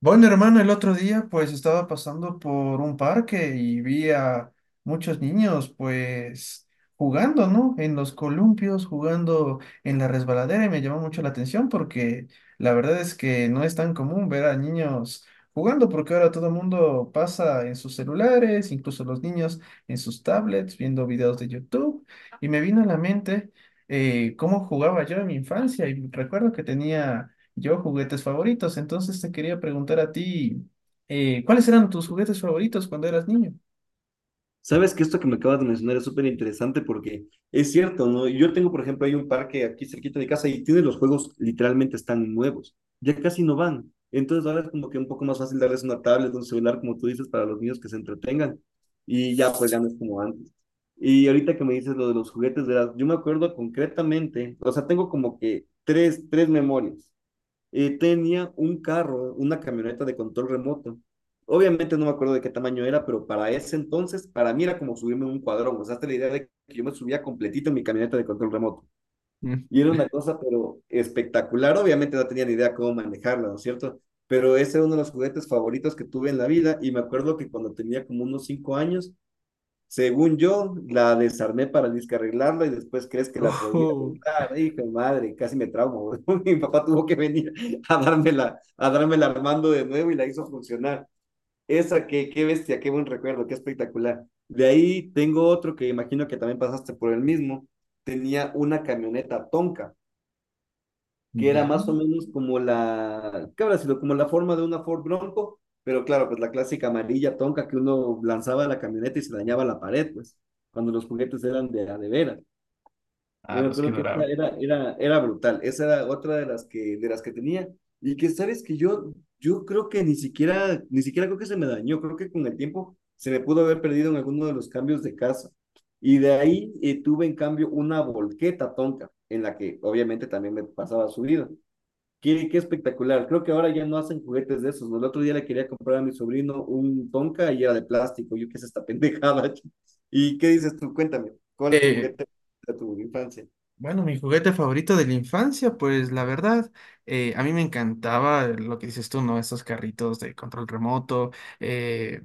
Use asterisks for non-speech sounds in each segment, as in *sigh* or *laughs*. Bueno, hermano, el otro día estaba pasando por un parque y vi a muchos niños jugando, ¿no? En los columpios, jugando en la resbaladera y me llamó mucho la atención porque la verdad es que no es tan común ver a niños jugando porque ahora todo el mundo pasa en sus celulares, incluso los niños en sus tablets, viendo videos de YouTube y me vino a la mente cómo jugaba yo en mi infancia y recuerdo que tenía yo, juguetes favoritos. Entonces te quería preguntar a ti, ¿cuáles eran tus juguetes favoritos cuando eras niño? Sabes que esto que me acabas de mencionar es súper interesante porque es cierto, ¿no? Yo tengo, por ejemplo, hay un parque aquí cerquita de casa y tiene los juegos, literalmente están nuevos, ya casi no van. Entonces ahora es como que un poco más fácil darles una tablet, un celular, como tú dices, para los niños que se entretengan. Y ya, pues ya no es como antes. Y ahorita que me dices lo de los juguetes, verás, yo me acuerdo concretamente, o sea, tengo como que tres memorias. Tenía un carro, una camioneta de control remoto. Obviamente no me acuerdo de qué tamaño era, pero para ese entonces, para mí era como subirme a un cuadrón. O sea, hasta la idea de que yo me subía completito en mi camioneta de control remoto. Mm. Y era una cosa, pero espectacular. Obviamente no tenía ni idea cómo manejarla, ¿no es cierto? Pero ese era uno de los juguetes favoritos que tuve en la vida. Y me acuerdo que cuando tenía como unos 5 años, según yo, la desarmé para disque arreglarla y después crees que la podía Ojo, arreglar. Hijo de madre, casi me traumo. *laughs* Mi papá tuvo que venir a dármela armando de nuevo y la hizo funcionar. Esa, qué bestia, qué buen recuerdo, qué espectacular. De ahí tengo otro que imagino que también pasaste por el mismo. Tenía una camioneta Tonka que era ya. más o menos como la, ¿qué habrá sido? Como la forma de una Ford Bronco, pero claro, pues la clásica amarilla tonca que uno lanzaba a la camioneta y se dañaba la pared, pues, cuando los juguetes eran de, a de veras. Y Ah, me los que acuerdo que esa adoraban. era brutal, esa era otra de las que tenía. Y que sabes que yo creo que ni siquiera creo que se me dañó, creo que con el tiempo se me pudo haber perdido en alguno de los cambios de casa. Y de ahí tuve en cambio una volqueta tonca, en la que obviamente también me pasaba subida. Qué, qué espectacular. Creo que ahora ya no hacen juguetes de esos, ¿no? El otro día le quería comprar a mi sobrino un Tonka y era de plástico. Yo, qué es esta pendejada. *laughs* ¿Y qué dices tú? Cuéntame, ¿cuál es tu Eh, juguete de tu infancia? bueno, mi juguete favorito de la infancia, pues la verdad, a mí me encantaba lo que dices tú, ¿no? Esos carritos de control remoto. eh,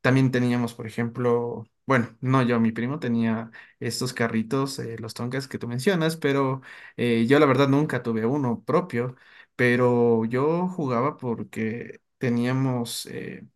También teníamos, por ejemplo, bueno, no yo, mi primo tenía estos carritos, los Tonkas que tú mencionas, pero yo la verdad nunca tuve uno propio, pero yo jugaba porque teníamos,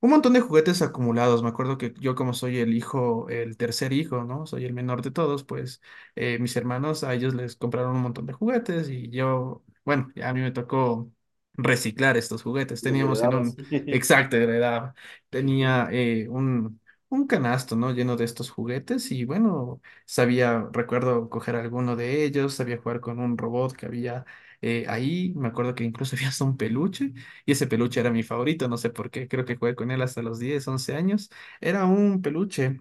un montón de juguetes acumulados. Me acuerdo que yo como soy el hijo, el tercer hijo, ¿no? Soy el menor de todos, pues mis hermanos a ellos les compraron un montón de juguetes y yo, bueno, a mí me tocó reciclar estos juguetes. ¿Los Teníamos en heredabas? un, *laughs* exacto, de la edad, tenía un canasto, ¿no? Lleno de estos juguetes y bueno, sabía, recuerdo coger alguno de ellos, sabía jugar con un robot que había ahí. Me acuerdo que incluso *laughs* había hasta un peluche. Y ese peluche era mi favorito, no sé por qué, creo que jugué con él hasta los 10 u 11 años. Era un peluche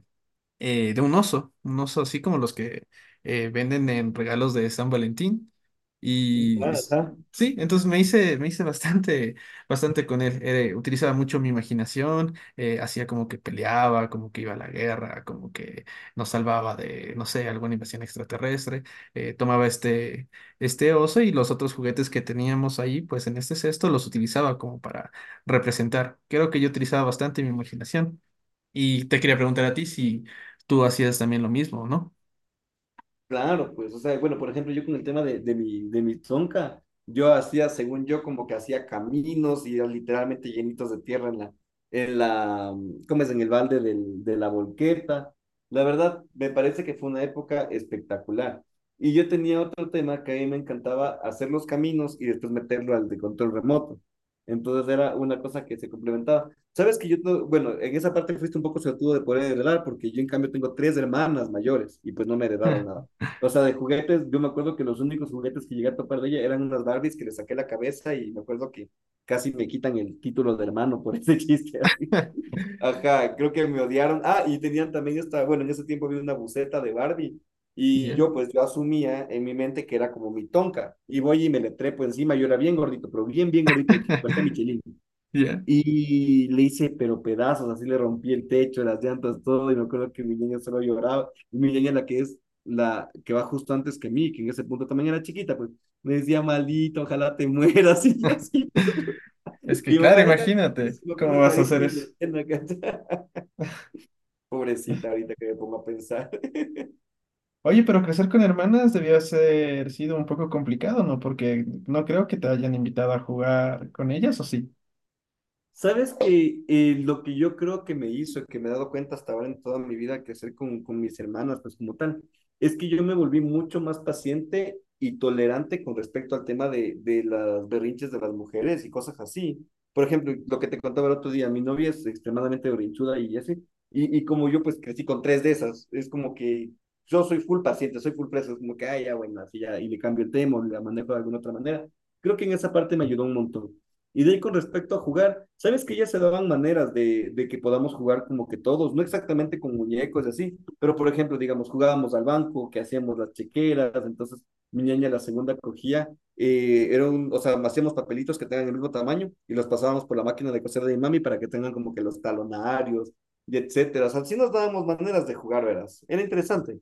de un oso así como los que venden en regalos de San Valentín. Y Ah, s- ajá. sí, entonces me hice bastante, *laughs* bastante con él. Utilizaba mucho mi imaginación, hacía como que peleaba, como que iba a la guerra, como que nos salvaba de, no sé, alguna invasión extraterrestre. Tomaba este oso y los otros juguetes que teníamos ahí, pues en este cesto los utilizaba como para representar. Creo que yo utilizaba bastante mi imaginación. Y te quería preguntar a ti si tú hacías también lo mismo, ¿no? Claro, pues, o sea, bueno, por ejemplo, yo con el tema de, de mi tonka yo hacía, según yo, como que hacía caminos y literalmente llenitos de tierra en la, ¿cómo es? En el balde de la volqueta. La verdad, me parece que fue una época espectacular. Y yo tenía otro tema que a mí me encantaba hacer los caminos y después meterlo al de control remoto. Entonces era una cosa que se complementaba. Sabes que yo, no- bueno, en esa parte fuiste un poco suertudo de poder heredar, porque yo en cambio tengo tres hermanas mayores y pues no me heredaron *laughs* nada. O sea, de juguetes, yo me acuerdo que los únicos juguetes que llegué a topar de ella eran unas Barbies que le saqué la cabeza y me acuerdo que casi me quitan el título de hermano por ese chiste. *laughs* Ajá, creo que me odiaron. Ah, y tenían también esta, bueno, en ese tiempo había una buceta de Barbie y Ya. yo, pues yo asumía en mi mente que era como mi tonka y voy y me le trepo encima. Yo era bien gordito, pero bien gordito, parecía *laughs* Michelin. Ya. Y le hice, pero pedazos, así le rompí el techo, las llantas, todo. Y me acuerdo que mi niña solo lloraba. Y mi niña, la que es la que va justo antes que mí, que en ese punto también era chiquita, pues me decía, maldito, ojalá te mueras. *laughs* Y yo *laughs* así, pero. Es que Y claro, mamá, deja, imagínate me cómo acuerdo vas a clarito hacer de la eso. escena, ¿cachai? *laughs* Pobrecita, ahorita que me pongo a pensar. Oye, pero crecer con hermanas debió ser sido un poco complicado, ¿no? Porque no creo que te hayan invitado a jugar con ellas, ¿o sí? Sabes que lo que yo creo que me hizo, que me he dado cuenta hasta ahora en toda mi vida, que hacer con mis hermanas, pues como tal, es que yo me volví mucho más paciente y tolerante con respecto al tema de las berrinches de las mujeres y cosas así. Por ejemplo, lo que te contaba el otro día, mi novia es extremadamente berrinchuda y así, y como yo, pues crecí con tres de esas, es como que yo soy full paciente, soy full preso, es como que, ah, ya, bueno, así ya, y le cambio el tema o la manejo de alguna otra manera. Creo que en esa parte me ayudó un montón. Y de ahí, con respecto a jugar, sabes que ya se daban maneras de que podamos jugar como que todos, no exactamente con muñecos y así, pero por ejemplo, digamos, jugábamos al banco, que hacíamos las chequeras. Entonces mi niña la segunda cogía, era un, o sea, hacíamos papelitos que tengan el mismo tamaño y los pasábamos por la máquina de coser de mi mami para que tengan como que los talonarios y etcétera. O sea, así nos dábamos maneras de jugar, verás. Era interesante.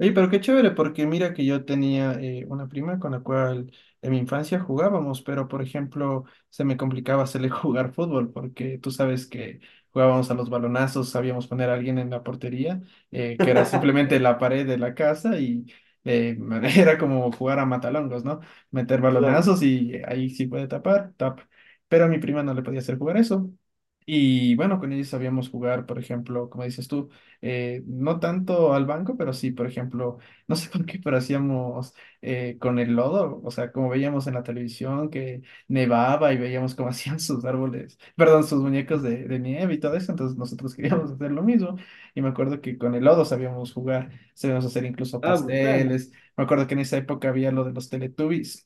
Oye, pero qué chévere, porque mira que yo tenía una prima con la cual en mi infancia jugábamos, pero por ejemplo se me complicaba hacerle *laughs* jugar fútbol, porque tú sabes que jugábamos a los balonazos, sabíamos poner a alguien en la portería, que era simplemente la pared de la casa y eh, *laughs* era como jugar a matalongos, ¿no? Meter Claro. balonazos y ahí sí puede tapar, tap. Pero a mi prima no le podía hacer jugar eso. Y bueno, con ellos sabíamos jugar, por ejemplo, como dices tú no tanto al banco, pero sí, por ejemplo, *laughs* no sé por qué, pero hacíamos con el lodo, o sea, como veíamos en la televisión que nevaba y veíamos cómo *laughs* hacían sus árboles, perdón, sus muñecos de nieve y todo eso, entonces nosotros *laughs* queríamos hacer lo mismo y me acuerdo que con el lodo sabíamos jugar, sabíamos hacer incluso Ah, brutal. pasteles, me acuerdo que en esa época había lo de los Teletubbies,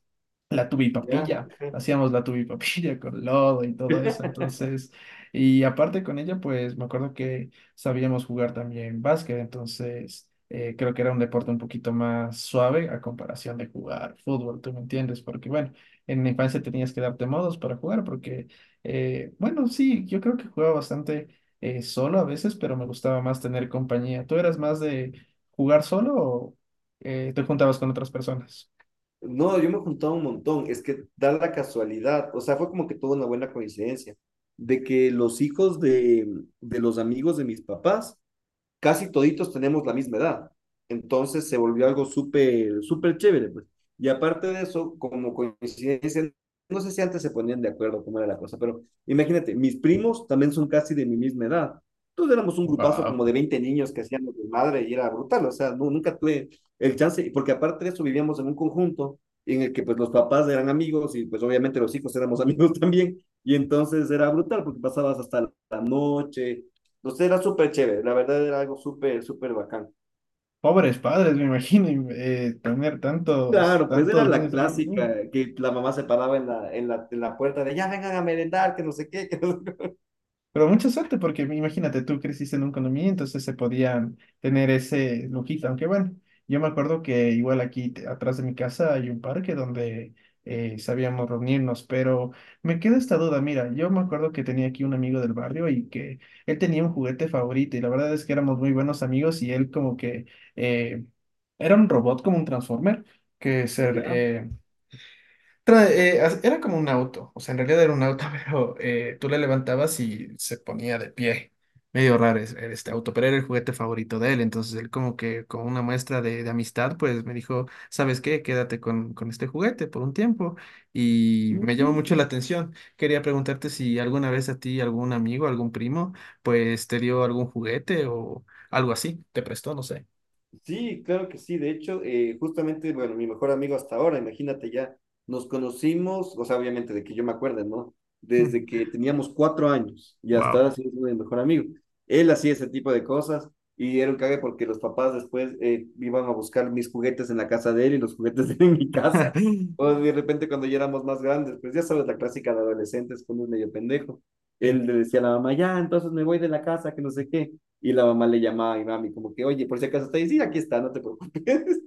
la Ya. tubipapilla. Hacíamos la tubipapilla *laughs* con lodo y todo eso, *laughs* entonces, y aparte con ella, pues me acuerdo que sabíamos jugar también básquet, entonces creo que era un deporte un poquito más suave a comparación de jugar fútbol, ¿tú me entiendes? Porque bueno, en la infancia tenías que darte modos para jugar porque, bueno, sí, yo creo que jugaba bastante solo a veces, pero me gustaba más tener compañía. ¿Tú eras más de jugar solo o te juntabas con otras personas? No, yo me juntaba un montón. Es que da la casualidad, o sea, fue como que tuvo una buena coincidencia de que los hijos de los amigos de mis papás, casi toditos tenemos la misma edad. Entonces se volvió algo súper, súper chévere. Pues. Y aparte de eso, como coincidencia, no sé si antes se ponían de acuerdo cómo era la cosa, pero imagínate, mis primos también son casi de mi misma edad. Todos éramos un grupazo como Wow. de 20 niños que hacíamos de madre y era brutal, o sea, no, nunca tuve el chance, porque aparte de eso vivíamos en un conjunto en el que pues los papás eran amigos y pues obviamente los hijos éramos *laughs* amigos también, y entonces era brutal porque pasabas hasta la noche. Entonces era súper chévere, la verdad era algo súper, súper bacán. Pobres padres, me imagino, y, tener Claro, pues era tantos la niños ahí. Clásica, que la mamá se paraba en la puerta de ya vengan a merendar, que no sé qué, que no sé Pero mucha suerte, porque imagínate, tú creciste en un condominio, entonces se podían tener ese lujito. Aunque bueno, yo me acuerdo que igual aquí atrás de mi casa hay un parque donde sabíamos reunirnos, pero me queda esta duda. Mira, yo me acuerdo que tenía aquí un amigo del barrio y que él tenía un juguete favorito y la verdad es que éramos muy buenos amigos y él como que eh, era un robot como un Transformer que qué. Ya. Era como un auto, o sea, en realidad era un auto, *laughs* pero tú le levantabas y se ponía de pie. Medio raro era este auto, pero era el juguete favorito de él. Entonces él como que con una muestra de amistad, pues me dijo, ¿sabes qué? Quédate con este juguete por un tiempo. Y me llamó mucho la atención. Quería preguntarte si alguna vez a ti, algún amigo, algún primo, pues te dio algún juguete o algo así, te prestó, no sé. Sí, claro que sí. De hecho, justamente, bueno, mi mejor amigo hasta ahora, imagínate, ya nos conocimos, o sea, obviamente de que yo me acuerde, ¿no? Desde que *laughs* teníamos 4 años y hasta Wow. ahora sí es mi mejor amigo. Él hacía ese tipo de cosas y era un cague porque los papás después iban a buscar mis juguetes en la casa de él y los juguetes *laughs* de él en mi casa. O *laughs* de repente cuando ya éramos más grandes, pues ya sabes la clásica de adolescentes cuando es medio pendejo. Sí. Él le decía a la mamá, ya, entonces me voy de la casa, que no sé qué. Y la mamá le llamaba y mami, como que, oye, por si acaso está ahí, sí, aquí está, no te preocupes. *laughs*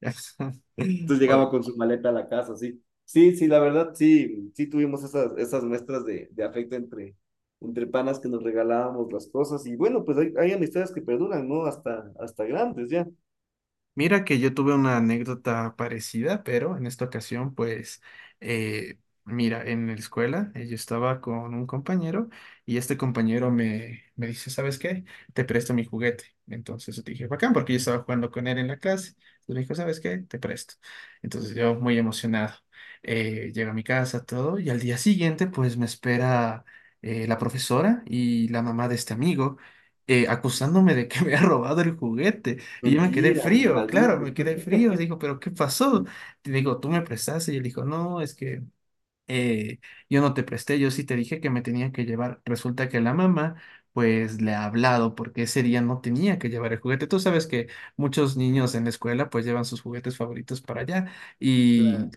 *laughs* Entonces Oye, llegaba con su maleta a la casa. Sí. Sí, sí, la verdad, sí, sí tuvimos esas, esas muestras de afecto entre, entre panas que nos regalábamos las cosas. Y bueno, pues hay amistades que perduran, ¿no? Hasta, hasta grandes ya. mira que yo tuve una anécdota parecida, pero en esta ocasión, pues, eh, mira, en la escuela yo estaba con un compañero y este compañero me dice, ¿sabes qué? Te presto mi juguete. Entonces yo te dije, bacán, porque yo estaba jugando con él en la clase. Entonces me dijo, ¿sabes qué? Te presto. Entonces yo muy emocionado. Llego a mi casa, todo, y al día siguiente, pues, me espera la profesora y la mamá de este amigo. Acusándome de que *laughs* me ha robado el juguete. Y yo me quedé Mentira, frío, claro, me maldito. quedé *laughs* frío. Digo, ¿pero qué pasó? Te digo, tú me prestaste. Y él dijo, no, es que eh, yo no te presté, yo sí te dije que me tenía que llevar. Resulta que la mamá, pues le ha hablado porque ese día no tenía que llevar el juguete. Tú sabes que muchos niños en la escuela, pues llevan sus juguetes favoritos para allá. Claro,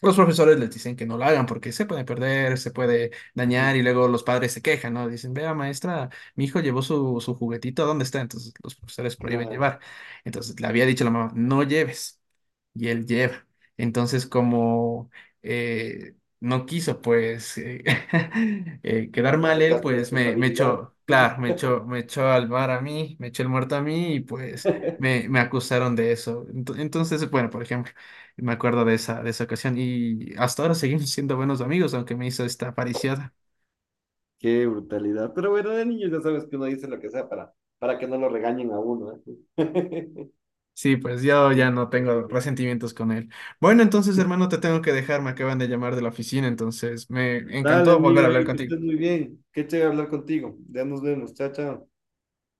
Los profesores les dicen que no lo hagan porque se puede perder, se puede dañar ujú, y luego los padres se quejan, ¿no? Dicen, vea maestra, mi hijo llevó su juguetito, ¿dónde está? Entonces los profesores prohíben claro. llevar. Entonces le había dicho la mamá, no lleves. Y él lleva. Entonces como eh, no quiso pues *laughs* quedar mal él, Aceptar su pues me responsabilidad. echó, claro, me echó al bar a mí, me echó el muerto a mí y pues me acusaron de eso. Entonces, bueno, por ejemplo. Me acuerdo de esa ocasión y hasta ahora seguimos *laughs* siendo buenos amigos, aunque me hizo esta pariciada. Qué brutalidad. Pero bueno, de niños ya sabes que uno dice lo que sea para que no lo regañen a uno, ¿eh? Sí, pues yo *laughs* ya Sí. no tengo resentimientos con él. Bueno, entonces, hermano, te tengo que dejar, me acaban de llamar de la oficina, entonces me Dale, encantó volver a amigo hablar Eric, que estés contigo. muy bien. Qué chévere hablar contigo. Ya nos vemos. Chao, chao.